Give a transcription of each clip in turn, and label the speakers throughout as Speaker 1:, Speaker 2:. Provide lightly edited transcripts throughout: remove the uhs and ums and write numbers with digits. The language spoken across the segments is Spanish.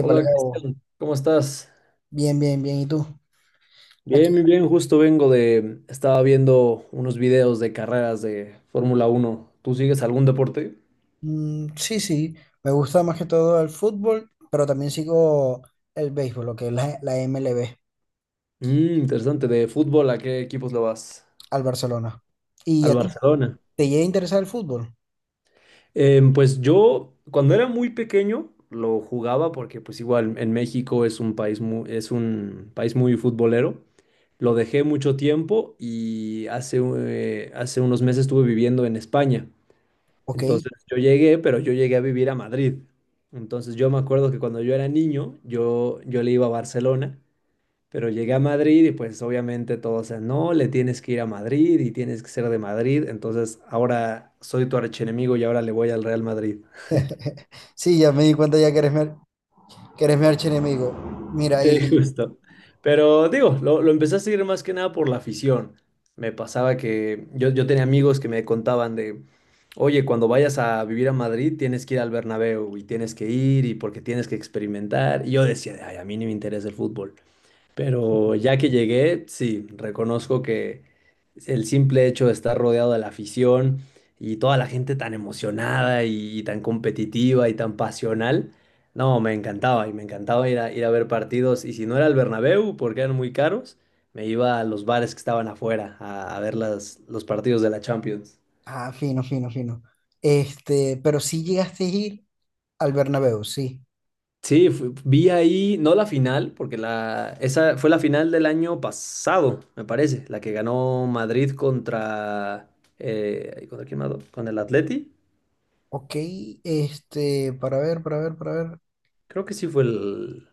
Speaker 1: Epa, Leo,
Speaker 2: Cristian, ¿cómo estás?
Speaker 1: bien, bien, bien. ¿Y tú?
Speaker 2: Bien,
Speaker 1: Aquí.
Speaker 2: muy bien, justo estaba viendo unos videos de carreras de Fórmula 1. ¿Tú sigues algún deporte?
Speaker 1: Sí, sí, me gusta más que todo el fútbol, pero también sigo el béisbol, lo que es la MLB,
Speaker 2: Interesante, de fútbol, ¿a qué equipos le vas?
Speaker 1: al Barcelona. ¿Y
Speaker 2: Al
Speaker 1: a ti?
Speaker 2: Barcelona.
Speaker 1: ¿Te llega a interesar el fútbol?
Speaker 2: Pues yo, cuando era muy pequeño, lo jugaba porque pues igual en México es un país muy futbolero. Lo dejé mucho tiempo y hace unos meses estuve viviendo en España.
Speaker 1: Ok.
Speaker 2: Entonces yo llegué, pero yo llegué a vivir a Madrid. Entonces yo me acuerdo que cuando yo era niño, yo le iba a Barcelona, pero llegué a Madrid y pues obviamente todos, o sea, no, le tienes que ir a Madrid y tienes que ser de Madrid. Entonces ahora soy tu archienemigo y ahora le voy al Real Madrid.
Speaker 1: Sí, ya me di cuenta ya que que eres mi archienemigo. Mira,
Speaker 2: Sí,
Speaker 1: y...
Speaker 2: justo. Pero digo, lo empecé a seguir más que nada por la afición. Me pasaba que yo tenía amigos que me contaban de, oye, cuando vayas a vivir a Madrid tienes que ir al Bernabéu y tienes que ir y porque tienes que experimentar. Y yo decía, ay, a mí ni me interesa el fútbol. Pero ya que llegué, sí, reconozco que el simple hecho de estar rodeado de la afición y toda la gente tan emocionada y, tan competitiva y tan pasional, no, me encantaba y me encantaba ir a ver partidos. Y si no era el Bernabéu, porque eran muy caros, me iba a los bares que estaban afuera a ver las, los partidos de la Champions.
Speaker 1: Ah, fino, fino, fino. Este, pero sí llegaste a ir al Bernabéu, sí.
Speaker 2: Sí, vi ahí, no la final, porque la, esa fue la final del año pasado, me parece, la que ganó Madrid contra, ¿contra quién más? ¿Con el Atleti?
Speaker 1: Ok, para ver, para ver, para ver.
Speaker 2: Creo que sí fue el...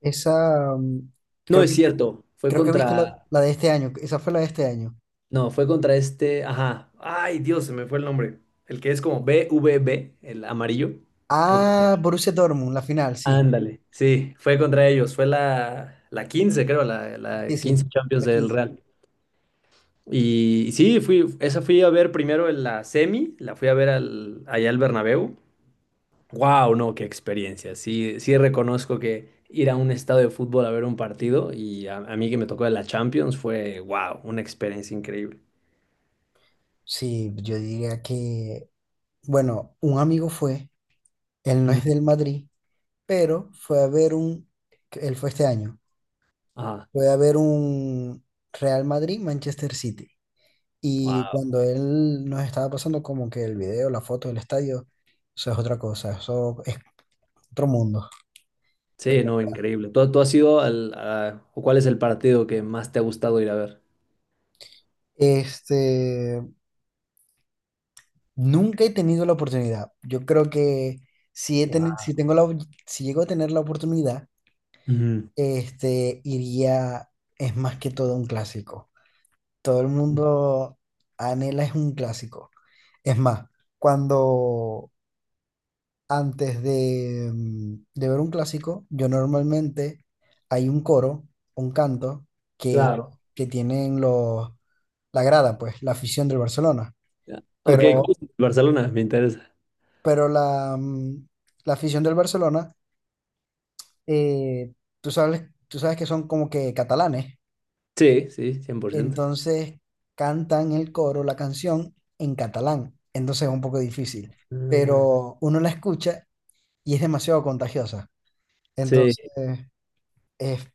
Speaker 1: Esa, mm,
Speaker 2: No,
Speaker 1: creo
Speaker 2: es
Speaker 1: que
Speaker 2: cierto, fue
Speaker 1: Creo que viste la,
Speaker 2: contra...
Speaker 1: la de este año. Esa fue la de este año.
Speaker 2: No, fue contra este... Ajá. Ay, Dios, se me fue el nombre. El que es como BVB, el amarillo. Creo
Speaker 1: Ah,
Speaker 2: que...
Speaker 1: Borussia Dortmund, la final, sí.
Speaker 2: Ándale. Sí, fue contra ellos, fue la 15, creo, la
Speaker 1: Sí, sí,
Speaker 2: 15 Champions
Speaker 1: la
Speaker 2: del
Speaker 1: quince.
Speaker 2: Real. Y sí, fui, esa fui a ver primero en la semi, la fui a ver al, allá al Bernabéu. ¡Wow! No, qué experiencia. Sí, sí reconozco que ir a un estadio de fútbol a ver un partido y a mí que me tocó de la Champions fue, wow, una experiencia increíble.
Speaker 1: Sí, yo diría que, bueno, un amigo fue, él no es
Speaker 2: Ujú.
Speaker 1: del Madrid, pero fue a ver un, él fue este año,
Speaker 2: Ah,
Speaker 1: fue a ver un Real Madrid-Manchester City. Y
Speaker 2: wow.
Speaker 1: cuando él nos estaba pasando como que el video, la foto del estadio, eso es otra cosa, eso es otro mundo.
Speaker 2: Sí, no, increíble. ¿Tú has ido o cuál es el partido que más te ha gustado ir a ver?
Speaker 1: Este, Nunca he tenido la oportunidad. Yo creo que si, he teni-
Speaker 2: Wow.
Speaker 1: si, tengo la, op- si llego a tener la oportunidad,
Speaker 2: Ujú.
Speaker 1: iría, es más que todo un clásico. Todo el mundo anhela es un clásico. Es más, cuando de ver un clásico, yo normalmente hay un coro, un canto que,
Speaker 2: Claro.
Speaker 1: que tienen la grada, pues, la afición del Barcelona.
Speaker 2: Ya. Ok, ¿cuál
Speaker 1: Pero,
Speaker 2: es el de Barcelona? Me interesa.
Speaker 1: pero la afición del Barcelona, eh, tú sabes que son como que catalanes,
Speaker 2: Sí, sí, 100%.
Speaker 1: entonces cantan el coro, la canción en catalán, entonces es un poco difícil,
Speaker 2: Ah,
Speaker 1: pero uno la escucha y es demasiado contagiosa,
Speaker 2: sí,
Speaker 1: entonces es,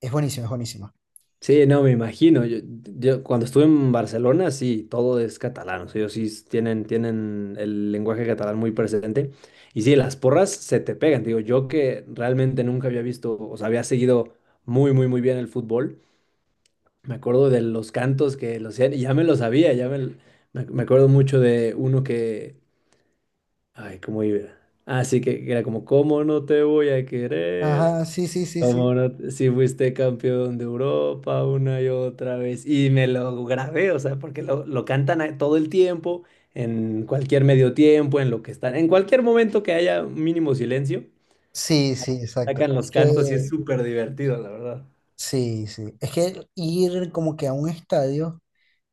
Speaker 1: es buenísimo, es buenísimo.
Speaker 2: sí, no, me imagino. Yo cuando estuve en Barcelona, sí, todo es catalán. O sea, ellos sí tienen el lenguaje catalán muy presente. Y sí, las porras se te pegan. Digo, yo que realmente nunca había visto, o sea, había seguido muy, muy, muy bien el fútbol. Me acuerdo de los cantos que los hacían, y ya me lo sabía, ya me, l- me, ac- me acuerdo mucho de uno que, ay, ¿cómo iba? Ah, sí, que era como, ¿cómo no te voy a querer?
Speaker 1: Ajá, sí, sí, sí,
Speaker 2: Como
Speaker 1: sí.
Speaker 2: no, si fuiste campeón de Europa una y otra vez. Y me lo grabé, o sea, porque lo cantan todo el tiempo, en cualquier medio tiempo, en lo que están, en cualquier momento que haya un mínimo silencio,
Speaker 1: Sí, sí, exacto.
Speaker 2: sacan
Speaker 1: Es
Speaker 2: los cantos y es
Speaker 1: que,
Speaker 2: súper divertido, la verdad.
Speaker 1: sí, sí. Es que ir como que a un estadio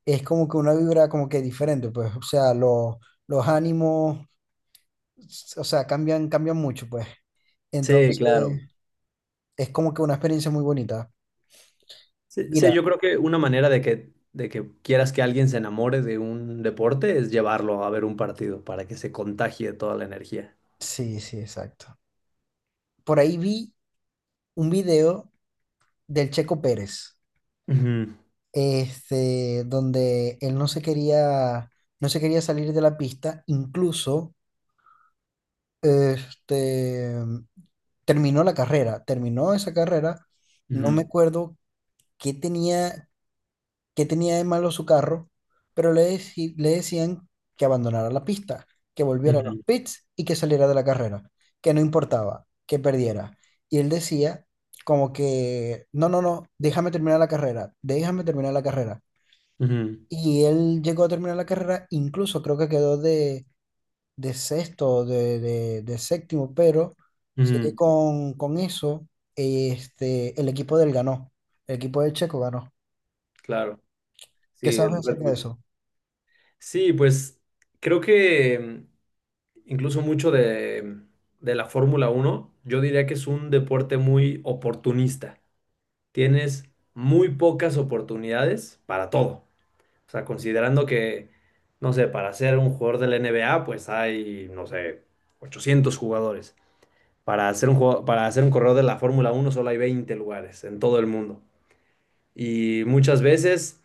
Speaker 1: es como que una vibra como que diferente, pues, o sea, los ánimos o sea, cambian, cambian mucho, pues.
Speaker 2: Sí,
Speaker 1: Entonces,
Speaker 2: claro.
Speaker 1: es como que una experiencia muy bonita.
Speaker 2: Sí, sí,
Speaker 1: Mira,
Speaker 2: yo creo que una manera de que quieras que alguien se enamore de un deporte es llevarlo a ver un partido para que se contagie toda la energía.
Speaker 1: sí, sí, exacto. Por ahí vi un video del Checo Pérez,
Speaker 2: Ujú,
Speaker 1: donde él no se quería, no se quería salir de la pista, este, terminó la carrera, terminó esa carrera, no me
Speaker 2: ujú,
Speaker 1: acuerdo qué tenía, qué tenía de malo su carro, pero le decían que abandonara la pista, que volviera a los
Speaker 2: ujú,
Speaker 1: pits y que saliera de la carrera, que no importaba, que perdiera. Y él decía como que, no, no, no, déjame terminar la carrera, déjame terminar la carrera.
Speaker 2: ujú,
Speaker 1: Y él llegó a terminar la carrera, incluso creo que de sexto, de séptimo, pero sé que
Speaker 2: ujú.
Speaker 1: con eso, el equipo del ganó, el equipo del Checo ganó.
Speaker 2: Claro. Sí,
Speaker 1: ¿Qué
Speaker 2: el
Speaker 1: sabes
Speaker 2: Red
Speaker 1: acerca de
Speaker 2: Bull.
Speaker 1: eso?
Speaker 2: Sí, pues creo que incluso mucho de la Fórmula 1, yo diría que es un deporte muy oportunista. Tienes muy pocas oportunidades para todo. O sea, considerando que, no sé, para ser un jugador de la NBA, pues hay, no sé, 800 jugadores. Para ser un, jugador- para ser un corredor de la Fórmula 1 solo hay 20 lugares en todo el mundo. Y muchas veces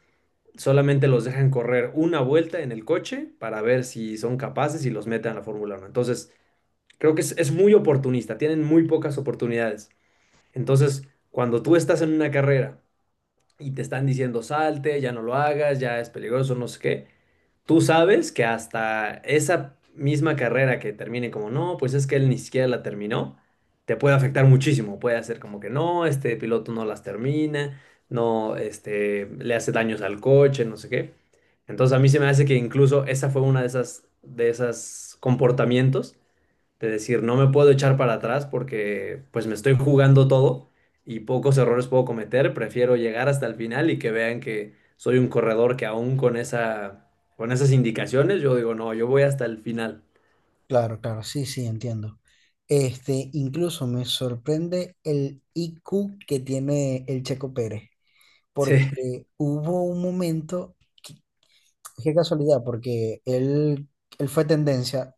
Speaker 2: solamente los dejan correr una vuelta en el coche para ver si son capaces y los meten a la Fórmula 1. Entonces, creo que es muy oportunista, tienen muy pocas oportunidades. Entonces, cuando tú estás en una carrera y te están diciendo salte, ya no lo hagas, ya es peligroso, no sé qué, tú sabes que hasta esa misma carrera que termine como no, pues es que él ni siquiera la terminó, te puede afectar muchísimo. Puede hacer como que no, este piloto no las termina, no, este, le hace daños al coche, no sé qué. Entonces a mí se me hace que incluso esa fue una de esas comportamientos de decir, no me puedo echar para atrás porque pues me estoy jugando todo y pocos errores puedo cometer, prefiero llegar hasta el final y que vean que soy un corredor que aún con esa, con esas indicaciones, yo digo, no, yo voy hasta el final.
Speaker 1: Claro, claro, sí, sí, entiendo. Este, incluso me sorprende el IQ que tiene el Checo Pérez,
Speaker 2: Sí.
Speaker 1: porque hubo un momento, que- qué casualidad, porque él fue tendencia,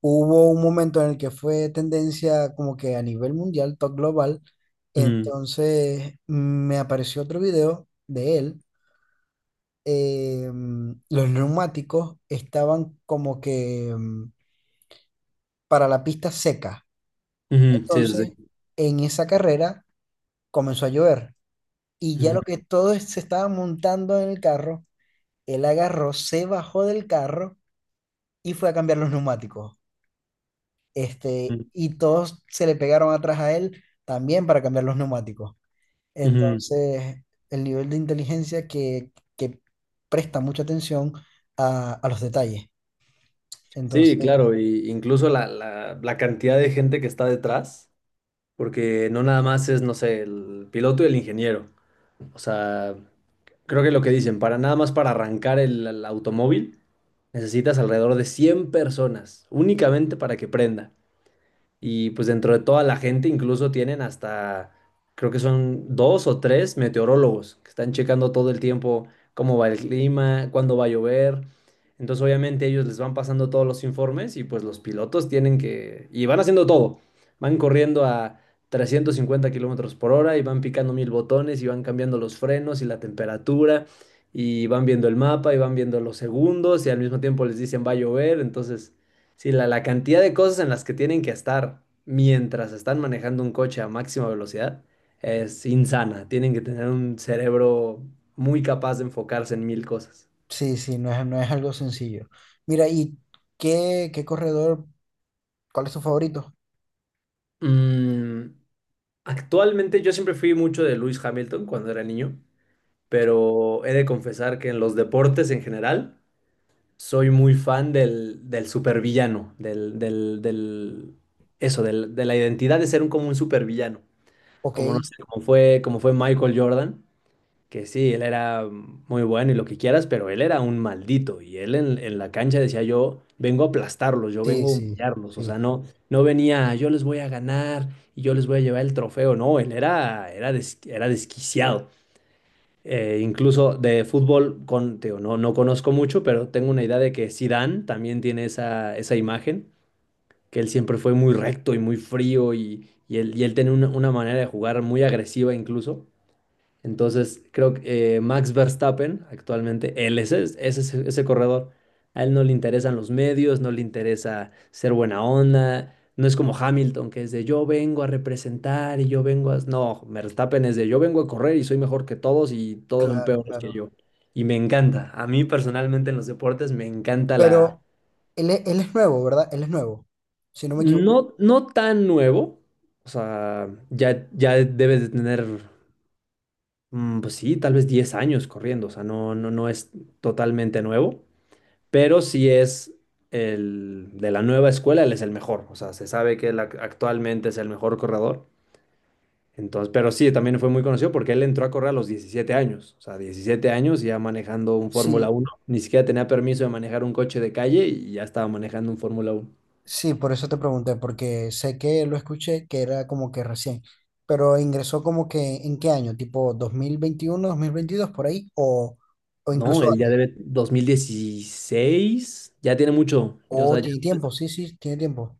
Speaker 1: hubo un momento en el que fue tendencia como que a nivel mundial, top global,
Speaker 2: Ujú,
Speaker 1: entonces me apareció otro video de él, los neumáticos estaban como que para la pista seca.
Speaker 2: ujú, sí, sí,
Speaker 1: Entonces,
Speaker 2: sí.
Speaker 1: en esa carrera comenzó a llover y ya
Speaker 2: Ujú,
Speaker 1: lo que todos se estaban montando en el carro, él agarró, se bajó del carro y fue a cambiar los neumáticos. Este,
Speaker 2: ujú,
Speaker 1: y todos se le pegaron atrás a él también para cambiar los neumáticos.
Speaker 2: ujú.
Speaker 1: Entonces, el nivel de inteligencia que presta mucha atención a los detalles.
Speaker 2: Sí,
Speaker 1: Entonces,
Speaker 2: claro, y incluso la cantidad de gente que está detrás, porque no nada más es, no sé, el piloto y el ingeniero. O sea, creo que lo que dicen, para nada más para arrancar el automóvil, necesitas alrededor de 100 personas, únicamente para que prenda. Y pues dentro de toda la gente incluso tienen hasta, creo que son 2 o 3 meteorólogos que están checando todo el tiempo cómo va el clima, cuándo va a llover. Entonces obviamente ellos les van pasando todos los informes y pues los pilotos tienen que, y van haciendo todo. Van corriendo a 350 kilómetros por hora y van picando mil botones y van cambiando los frenos y la temperatura y van viendo el mapa y van viendo los segundos y al mismo tiempo les dicen va a llover. Entonces... Sí, la cantidad de cosas en las que tienen que estar mientras están manejando un coche a máxima velocidad es insana. Tienen que tener un cerebro muy capaz de enfocarse en mil cosas.
Speaker 1: sí, sí, no es, no es algo sencillo. Mira, ¿y qué, qué corredor, cuál es tu favorito?
Speaker 2: Mm, Actualmente yo siempre fui mucho de Lewis Hamilton cuando era niño, pero he de confesar que en los deportes en general soy muy fan del supervillano, de la identidad de ser como un supervillano.
Speaker 1: Ok.
Speaker 2: Como no sé, como fue Michael Jordan, que sí, él era muy bueno y lo que quieras, pero él era un maldito y él en la cancha decía yo vengo a aplastarlos, yo
Speaker 1: Sí,
Speaker 2: vengo a
Speaker 1: sí,
Speaker 2: humillarlos, o sea,
Speaker 1: sí,
Speaker 2: no, no venía yo les voy a ganar y yo les voy a llevar el trofeo, no, él era desquiciado. Incluso de fútbol, te digo, no, no conozco mucho, pero tengo una idea de que Zidane también tiene esa imagen, que él siempre fue muy recto y muy frío y él tiene una manera de jugar muy agresiva incluso. Entonces, creo que Max Verstappen, actualmente, él es ese corredor. A él no le interesan los medios, no le interesa ser buena onda. No es como Hamilton, que es de yo vengo a representar y yo vengo a... No, Verstappen es de yo vengo a correr y soy mejor que todos y todos son
Speaker 1: claro,
Speaker 2: peores que
Speaker 1: claro.
Speaker 2: yo. Y me encanta. A mí personalmente en los deportes me encanta la...
Speaker 1: Pero él, él es nuevo, ¿verdad? Él es nuevo, si no me equivoco.
Speaker 2: No, no tan nuevo. O sea, ya, ya debes de tener. Pues sí, tal vez 10 años corriendo, o sea, no, no, no es totalmente nuevo, pero sí es el de la nueva escuela, él es el mejor, o sea, se sabe que él actualmente es el mejor corredor, entonces, pero sí, también fue muy conocido porque él entró a correr a los 17 años, o sea, 17 años ya manejando un Fórmula
Speaker 1: Sí,
Speaker 2: uno ni siquiera tenía permiso de manejar un coche de calle y ya estaba manejando un Fórmula 1.
Speaker 1: sí, por eso te pregunté, porque sé que lo escuché, que era como que recién, pero ingresó como que en qué año, tipo 2021, 2022 por ahí, o
Speaker 2: No,
Speaker 1: incluso
Speaker 2: él ya
Speaker 1: antes.
Speaker 2: debe 2016 ya tiene mucho, o sea,
Speaker 1: O
Speaker 2: ya
Speaker 1: tiene tiempo, sí, sí, tiene tiempo.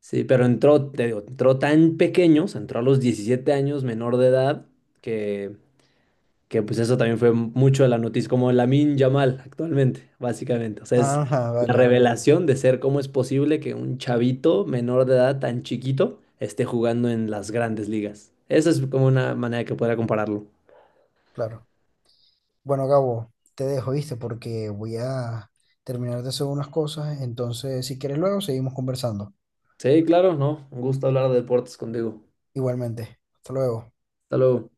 Speaker 2: sí, pero entró, te digo, entró tan pequeño, o sea, entró a los 17 años, menor de edad, que, que pues eso también fue mucho de la noticia, como Lamine Yamal actualmente, básicamente. O sea, es
Speaker 1: Ajá,
Speaker 2: la
Speaker 1: vale, vale,
Speaker 2: revelación de ser cómo es posible que un chavito menor de edad tan chiquito esté jugando en las grandes ligas. Esa es como una manera que podría compararlo.
Speaker 1: claro. Bueno, Gabo, te dejo, ¿viste? Porque voy a terminar de hacer unas cosas, entonces si quieres luego seguimos conversando.
Speaker 2: Sí, claro, no, un gusto hablar de deportes contigo.
Speaker 1: Igualmente, hasta luego.
Speaker 2: Hasta luego.